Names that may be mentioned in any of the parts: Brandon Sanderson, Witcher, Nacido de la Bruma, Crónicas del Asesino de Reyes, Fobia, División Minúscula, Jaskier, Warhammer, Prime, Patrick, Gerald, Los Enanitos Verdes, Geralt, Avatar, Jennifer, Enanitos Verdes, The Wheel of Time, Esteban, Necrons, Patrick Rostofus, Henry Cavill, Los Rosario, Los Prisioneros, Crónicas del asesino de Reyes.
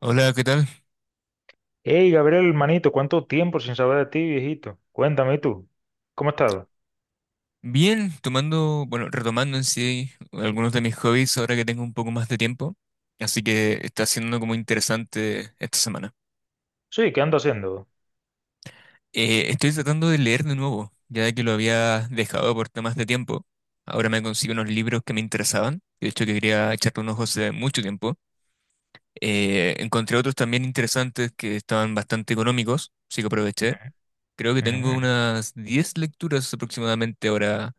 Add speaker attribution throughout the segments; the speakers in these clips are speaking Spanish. Speaker 1: Hola, ¿qué tal?
Speaker 2: Hey, Gabriel, manito, ¿cuánto tiempo sin saber de ti, viejito? Cuéntame, ¿y tú, cómo has estado?
Speaker 1: Bien, tomando, bueno, retomando en sí algunos de mis hobbies ahora que tengo un poco más de tiempo, así que está siendo como interesante esta semana.
Speaker 2: Sí, ¿qué ando haciendo?
Speaker 1: Estoy tratando de leer de nuevo, ya que lo había dejado por temas de tiempo. Ahora me consigo unos libros que me interesaban, de hecho que quería echarle unos ojos hace mucho tiempo. Encontré otros también interesantes que estaban bastante económicos, así que aproveché. Creo que tengo
Speaker 2: Ujú.
Speaker 1: unas 10 lecturas aproximadamente ahora,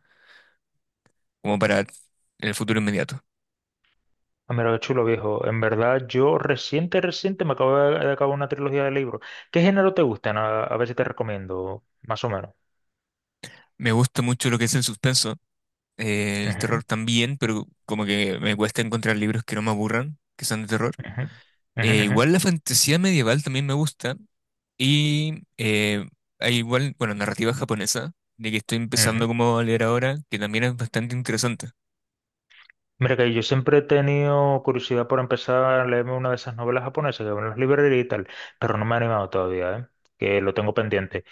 Speaker 1: como para el futuro inmediato.
Speaker 2: Ah, mira, qué chulo, viejo. En verdad, yo reciente me acabo de acabar una trilogía de libros. ¿Qué género te gustan? A ver si te recomiendo, más o menos.
Speaker 1: Me gusta mucho lo que es el suspenso, el
Speaker 2: Ujú,
Speaker 1: terror también, pero como que me cuesta encontrar libros que no me aburran, que sean de terror.
Speaker 2: ujú,
Speaker 1: Igual la
Speaker 2: ujú,
Speaker 1: fantasía medieval también me gusta y hay igual, bueno, narrativa japonesa, de que estoy
Speaker 2: ujú,
Speaker 1: empezando
Speaker 2: ujú.
Speaker 1: como a leer ahora, que también es bastante interesante.
Speaker 2: Mira que yo siempre he tenido curiosidad por empezar a leerme una de esas novelas japonesas que van en las librerías y tal, pero no me he animado todavía, ¿eh? Que lo tengo pendiente.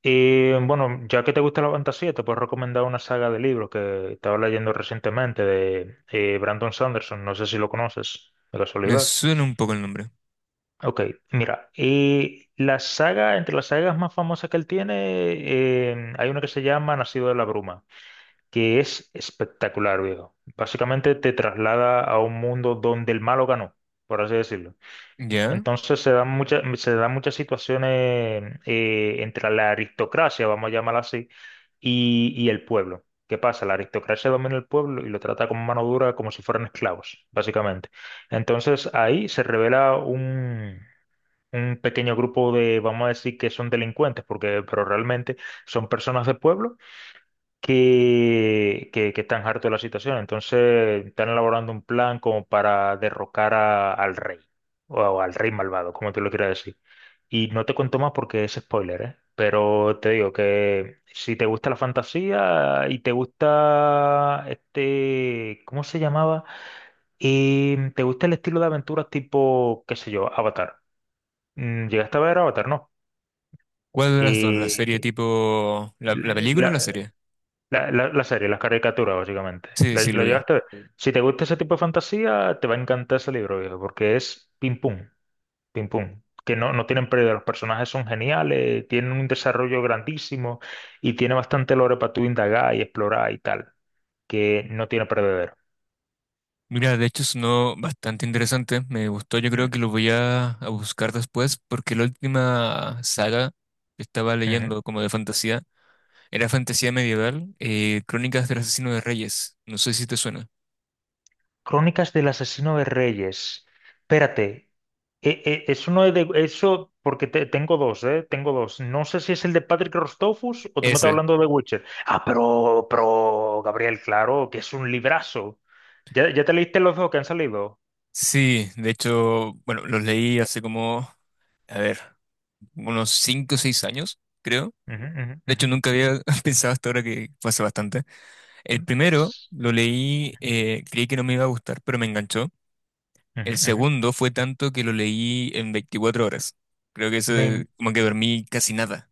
Speaker 2: Y bueno, ya que te gusta la fantasía, te puedo recomendar una saga de libros que estaba leyendo recientemente de Brandon Sanderson. No sé si lo conoces, de
Speaker 1: Me
Speaker 2: casualidad.
Speaker 1: suena un poco el nombre.
Speaker 2: Ok, mira, y la saga, entre las sagas más famosas que él tiene, hay una que se llama Nacido de la Bruma, que es espectacular, viejo. Básicamente te traslada a un mundo donde el malo ganó, por así decirlo.
Speaker 1: ¿Ya?
Speaker 2: Entonces se dan muchas situaciones entre la aristocracia, vamos a llamarla así, y el pueblo. ¿Qué pasa? La aristocracia domina el pueblo y lo trata como mano dura, como si fueran esclavos, básicamente. Entonces ahí se revela Un pequeño grupo de, vamos a decir que son delincuentes, porque, pero realmente son personas de pueblo que están hartos de la situación. Entonces están elaborando un plan como para al rey, o al rey malvado, como tú lo quieras decir. Y no te cuento más porque es spoiler, ¿eh? Pero te digo que si te gusta la fantasía y te gusta este, ¿cómo se llamaba? Y te gusta el estilo de aventuras tipo, qué sé yo, Avatar. ¿Llegaste a ver Avatar? No.
Speaker 1: ¿Cuál de las dos? ¿La serie
Speaker 2: Y
Speaker 1: tipo... ¿La película o la serie?
Speaker 2: La serie, las caricaturas, básicamente.
Speaker 1: Sí, sí, lo
Speaker 2: Lo
Speaker 1: vi.
Speaker 2: llegaste a ver? Sí. Si te gusta ese tipo de fantasía, te va a encantar ese libro, viejo, porque es pim pum, pim pum. Que no, No tienen pérdida, los personajes son geniales, tienen un desarrollo grandísimo y tiene bastante lore para tú indagar y explorar y tal, que no tiene perdedero.
Speaker 1: Mira, de hecho sonó bastante interesante, me gustó, yo creo
Speaker 2: Mm,
Speaker 1: que lo voy a buscar después, porque la última saga que estaba
Speaker 2: ujú.
Speaker 1: leyendo como de fantasía era fantasía medieval, Crónicas del Asesino de Reyes, no sé si te suena.
Speaker 2: Crónicas del Asesino de Reyes. Espérate, eso no es de eso porque tengo dos, ¿eh? Tengo dos. No sé si es el de Patrick Rostofus o tú me estás
Speaker 1: Ese.
Speaker 2: hablando de Witcher. Ah, pero, Gabriel, claro, que es un librazo. Ya te leíste los dos que han salido?
Speaker 1: Sí, de hecho, bueno, los leí hace como, a ver, unos 5 o 6 años, creo.
Speaker 2: Ujú, ujú,
Speaker 1: De
Speaker 2: ujú.
Speaker 1: hecho, nunca había pensado hasta ahora que fue hace bastante. El
Speaker 2: Em,
Speaker 1: primero lo leí, creí que no me iba a gustar, pero me enganchó.
Speaker 2: ujú,
Speaker 1: El
Speaker 2: ujú.
Speaker 1: segundo fue tanto que lo leí en 24 horas. Creo que eso es
Speaker 2: Me
Speaker 1: como que dormí casi nada.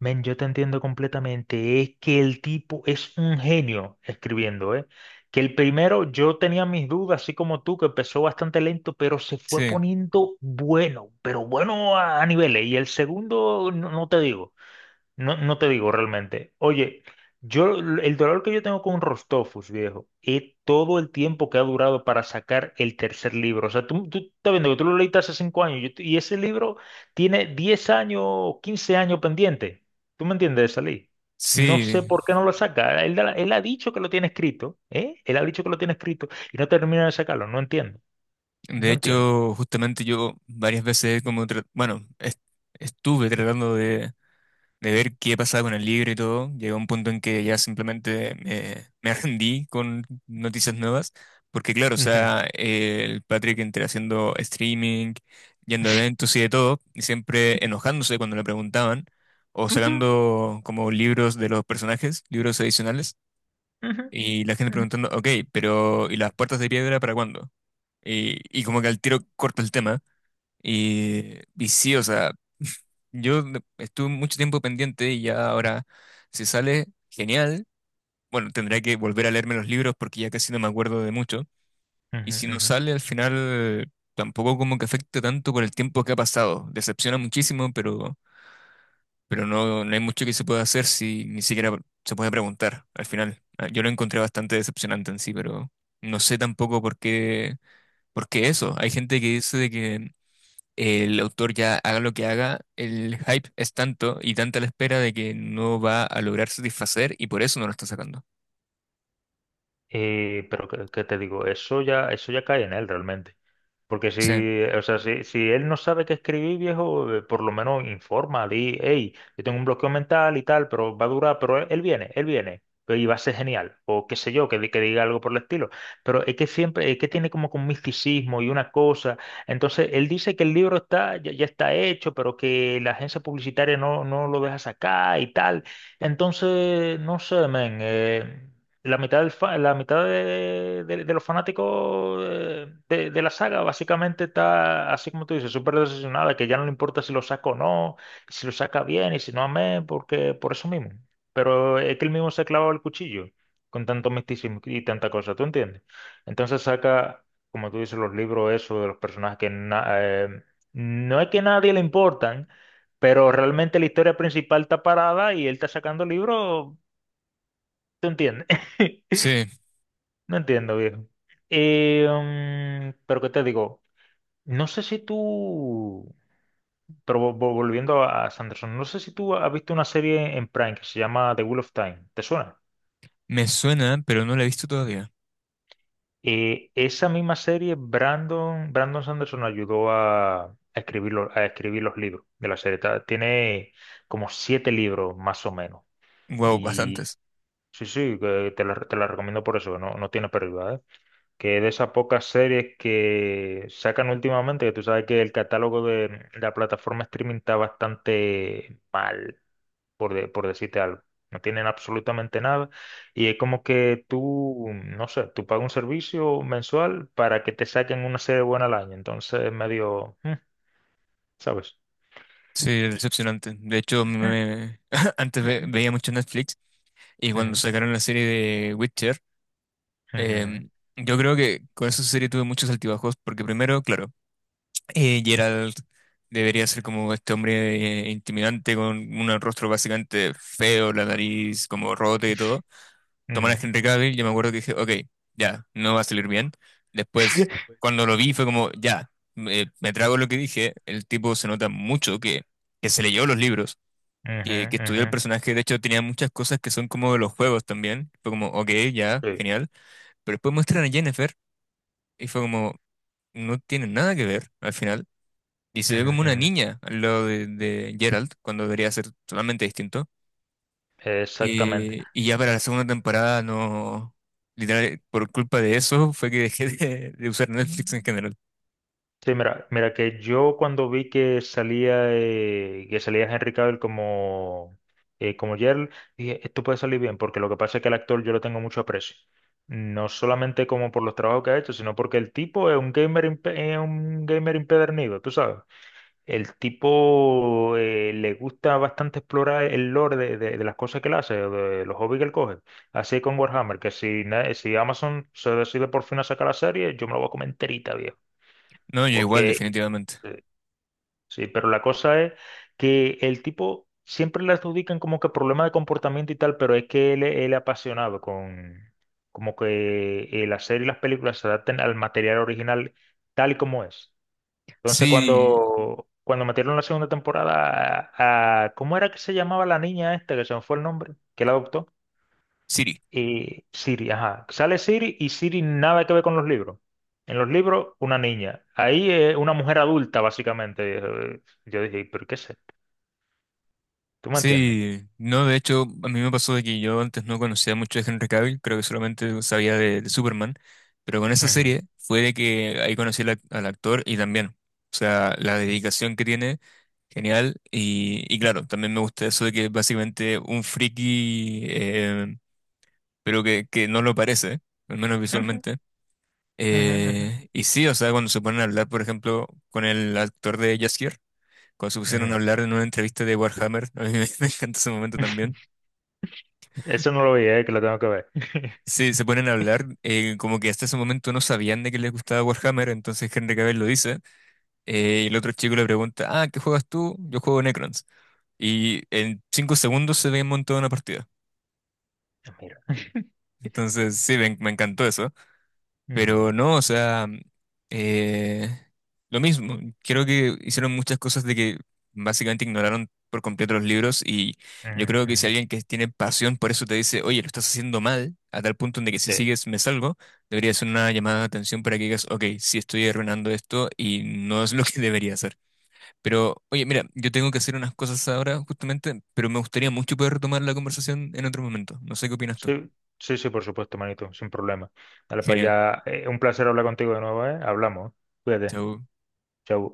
Speaker 2: Men, yo te entiendo completamente. Es que el tipo es un genio escribiendo, ¿eh? Que el primero yo tenía mis dudas, así como tú, que empezó bastante lento, pero se fue
Speaker 1: Sí,
Speaker 2: poniendo bueno, pero bueno a niveles. Y el segundo, no te digo. No te digo realmente. Oye, yo el dolor que yo tengo con Rostofus, viejo, es todo el tiempo que ha durado para sacar el tercer libro. O sea, tú estás viendo que tú lo leíste hace 5 años y ese libro tiene 10 años, 15 años pendiente. ¿Tú me entiendes, de salir? No sé
Speaker 1: sí.
Speaker 2: por qué no lo saca. Él, él ha dicho que lo tiene escrito, ¿eh? Él ha dicho que lo tiene escrito y no termina de sacarlo. No entiendo.
Speaker 1: De
Speaker 2: No entiendo.
Speaker 1: hecho, justamente yo varias veces como, bueno, estuve tratando de ver qué pasaba con el libro y todo, llegué a un punto en que ya simplemente me rendí con noticias nuevas, porque claro, o
Speaker 2: Ujú,
Speaker 1: sea, el Patrick entre haciendo streaming, yendo a eventos y de todo, y siempre enojándose cuando le preguntaban, o
Speaker 2: ujú,
Speaker 1: sacando como libros de los personajes, libros adicionales,
Speaker 2: ujú,
Speaker 1: y la gente
Speaker 2: ujú,
Speaker 1: preguntando, ok, pero ¿y las puertas de piedra para cuándo? Y como que al tiro corta el tema. Y, y sí, o sea, estuve mucho tiempo pendiente y ya ahora, si sale, genial. Bueno, tendré que volver a leerme los libros porque ya casi no me acuerdo de mucho. Y
Speaker 2: ujú,
Speaker 1: si no
Speaker 2: ujú.
Speaker 1: sale, al final tampoco como que afecta tanto por el tiempo que ha pasado. Decepciona muchísimo, pero no, no hay mucho que se pueda hacer si ni siquiera se puede preguntar al final. Ah, yo lo encontré bastante decepcionante en sí, pero no sé tampoco por qué, por qué eso. Hay gente que dice de que el autor ya haga lo que haga, el hype es tanto y tanta la espera de que no va a lograr satisfacer y por eso no lo está sacando.
Speaker 2: Pero qué te digo? Eso ya cae en él realmente. Porque
Speaker 1: Sí,
Speaker 2: si, o sea, si él no sabe qué escribir, viejo, por lo menos informa, di, hey, yo tengo un bloqueo mental y tal, pero va a durar, pero él viene, pero y va a ser genial, o qué sé yo, que, que diga algo por el estilo. Pero es que siempre, es que tiene como que un misticismo y una cosa. Entonces, él dice que el libro está, ya está hecho, pero que la agencia publicitaria no lo deja sacar y tal. Entonces, no sé, men. La mitad, la mitad de los fanáticos de la saga básicamente está, así como tú dices, súper decepcionada, que ya no le importa si lo saca o no, si lo saca bien y si no, amén, porque por eso mismo. Pero es que él mismo se ha clavado el cuchillo con tanto misticismo y tanta cosa, ¿tú entiendes? Entonces saca, como tú dices, los libros esos de los personajes que no es que a nadie le importan, pero realmente la historia principal está parada y él está sacando libros, ¿tú entiendes?
Speaker 1: sí,
Speaker 2: No entiendo, viejo. Eh, pero qué te digo, no sé si tú, pero volviendo a Sanderson, no sé si tú has visto una serie en Prime que se llama The Wheel of Time, ¿te suena?
Speaker 1: me suena, pero no la he visto todavía.
Speaker 2: Esa misma serie, Brandon Sanderson ayudó a escribir a escribir los libros de la serie. Tiene como siete libros más o menos.
Speaker 1: Wow,
Speaker 2: Y
Speaker 1: bastantes.
Speaker 2: sí, sí, que te la recomiendo por eso, que no tiene pérdida, ¿eh? Que de esas pocas series que sacan últimamente, que tú sabes que el catálogo de la plataforma streaming está bastante mal, por decirte algo. No tienen absolutamente nada. Y es como que tú, no sé, tú pagas un servicio mensual para que te saquen una serie buena al año. Entonces es medio, mm, ¿sabes?
Speaker 1: Sí, decepcionante. De hecho, antes
Speaker 2: Ujú,
Speaker 1: veía mucho Netflix y cuando
Speaker 2: ujú,
Speaker 1: sacaron la serie de Witcher,
Speaker 2: ujú,
Speaker 1: em, yo creo que con esa serie tuve muchos altibajos porque primero, claro, Gerald debería ser como este hombre intimidante con un rostro básicamente feo, la nariz como rota y todo. Tomar a
Speaker 2: ujú,
Speaker 1: Henry Cavill, yo me acuerdo que dije, ok, ya, no va a salir bien. Después, cuando lo vi, fue como, ya, me trago lo que dije. El tipo se nota mucho que se leyó los libros,
Speaker 2: ujú,
Speaker 1: que estudió
Speaker 2: ujú,
Speaker 1: el
Speaker 2: ujú,
Speaker 1: personaje. De hecho, tenía muchas cosas que son como de los juegos también. Fue como, ok, ya,
Speaker 2: sí,
Speaker 1: genial. Pero después muestran a Jennifer y fue como, no tiene nada que ver al final. Y se ve
Speaker 2: ujú,
Speaker 1: como una
Speaker 2: ujú.
Speaker 1: niña al lado de Geralt, cuando debería ser totalmente distinto.
Speaker 2: Exactamente.
Speaker 1: Y ya para la segunda temporada no... Literal, por culpa de eso fue que dejé de usar Netflix en general.
Speaker 2: Sí, mira, mira que yo cuando vi que salía que salía Henry Cavill como como Geralt, dije, esto puede salir bien, porque lo que pasa es que el actor yo lo tengo mucho aprecio. No solamente como por los trabajos que ha hecho, sino porque el tipo es un es un gamer impedernido, tú sabes. El tipo le gusta bastante explorar el lore de las cosas que él hace, de los hobbies que él coge. Así con Warhammer, que si Amazon se decide por fin a sacar la serie, yo me la voy a comer enterita, viejo.
Speaker 1: No, yo igual,
Speaker 2: Porque
Speaker 1: definitivamente.
Speaker 2: sí, pero la cosa es que el tipo siempre le adjudican como que problema de comportamiento y tal, pero es que él es apasionado con como que la serie y las películas se adapten al material original tal y como es. Entonces
Speaker 1: Sí,
Speaker 2: cuando metieron la segunda temporada ¿cómo era que se llamaba la niña esta que se me fue el nombre? Que la adoptó.
Speaker 1: Siri.
Speaker 2: Y Siri, ajá. Sale Siri y Siri nada que ver con los libros. En los libros, una niña. Ahí es una mujer adulta, básicamente. Yo dije, ¿pero qué es esto? ¿Tú me entiendes?
Speaker 1: Sí, no, de hecho, a mí me pasó de que yo antes no conocía mucho de Henry Cavill, creo que solamente sabía de Superman, pero con esa
Speaker 2: Ujú,
Speaker 1: serie fue de que ahí conocí al, al actor y también, o sea, la dedicación que tiene, genial, y claro, también me gusta eso de que es básicamente un friki, pero que no lo parece, al menos
Speaker 2: ujú,
Speaker 1: visualmente.
Speaker 2: ujú,
Speaker 1: Y sí, o sea, cuando se ponen a hablar, por ejemplo, con el actor de Jaskier, cuando se
Speaker 2: ujú, ujú.
Speaker 1: pusieron a hablar en una entrevista de Warhammer, a mí me encanta ese momento también.
Speaker 2: Eso no lo vi, que lo tengo que ver.
Speaker 1: Sí, se ponen a hablar, como que hasta ese momento no sabían de que les gustaba Warhammer, entonces Henry Cavill lo dice, y el otro chico le pregunta, ah, ¿qué juegas tú? Yo juego Necrons. Y en 5 segundos se ven montada una partida.
Speaker 2: Mira.
Speaker 1: Entonces, sí, me encantó eso. Pero
Speaker 2: Ujú,
Speaker 1: no, o sea, eh, lo mismo. Creo que hicieron muchas cosas de que básicamente ignoraron por completo los libros y
Speaker 2: ujú,
Speaker 1: yo creo que
Speaker 2: ujú.
Speaker 1: si alguien que tiene pasión por eso te dice, oye, lo estás haciendo mal, a tal punto en de que si
Speaker 2: Sí,
Speaker 1: sigues me salgo, debería ser una llamada de atención para que digas, ok, sí estoy arruinando esto y no es lo que debería hacer. Pero, oye, mira, yo tengo que hacer unas cosas ahora justamente, pero me gustaría mucho poder retomar la conversación en otro momento. No sé qué opinas tú.
Speaker 2: sí, sí, sí, por supuesto, manito, sin problema. Dale para
Speaker 1: Genial.
Speaker 2: allá. Un placer hablar contigo de nuevo, ¿eh? Hablamos. Cuídate.
Speaker 1: Chau.
Speaker 2: Chau.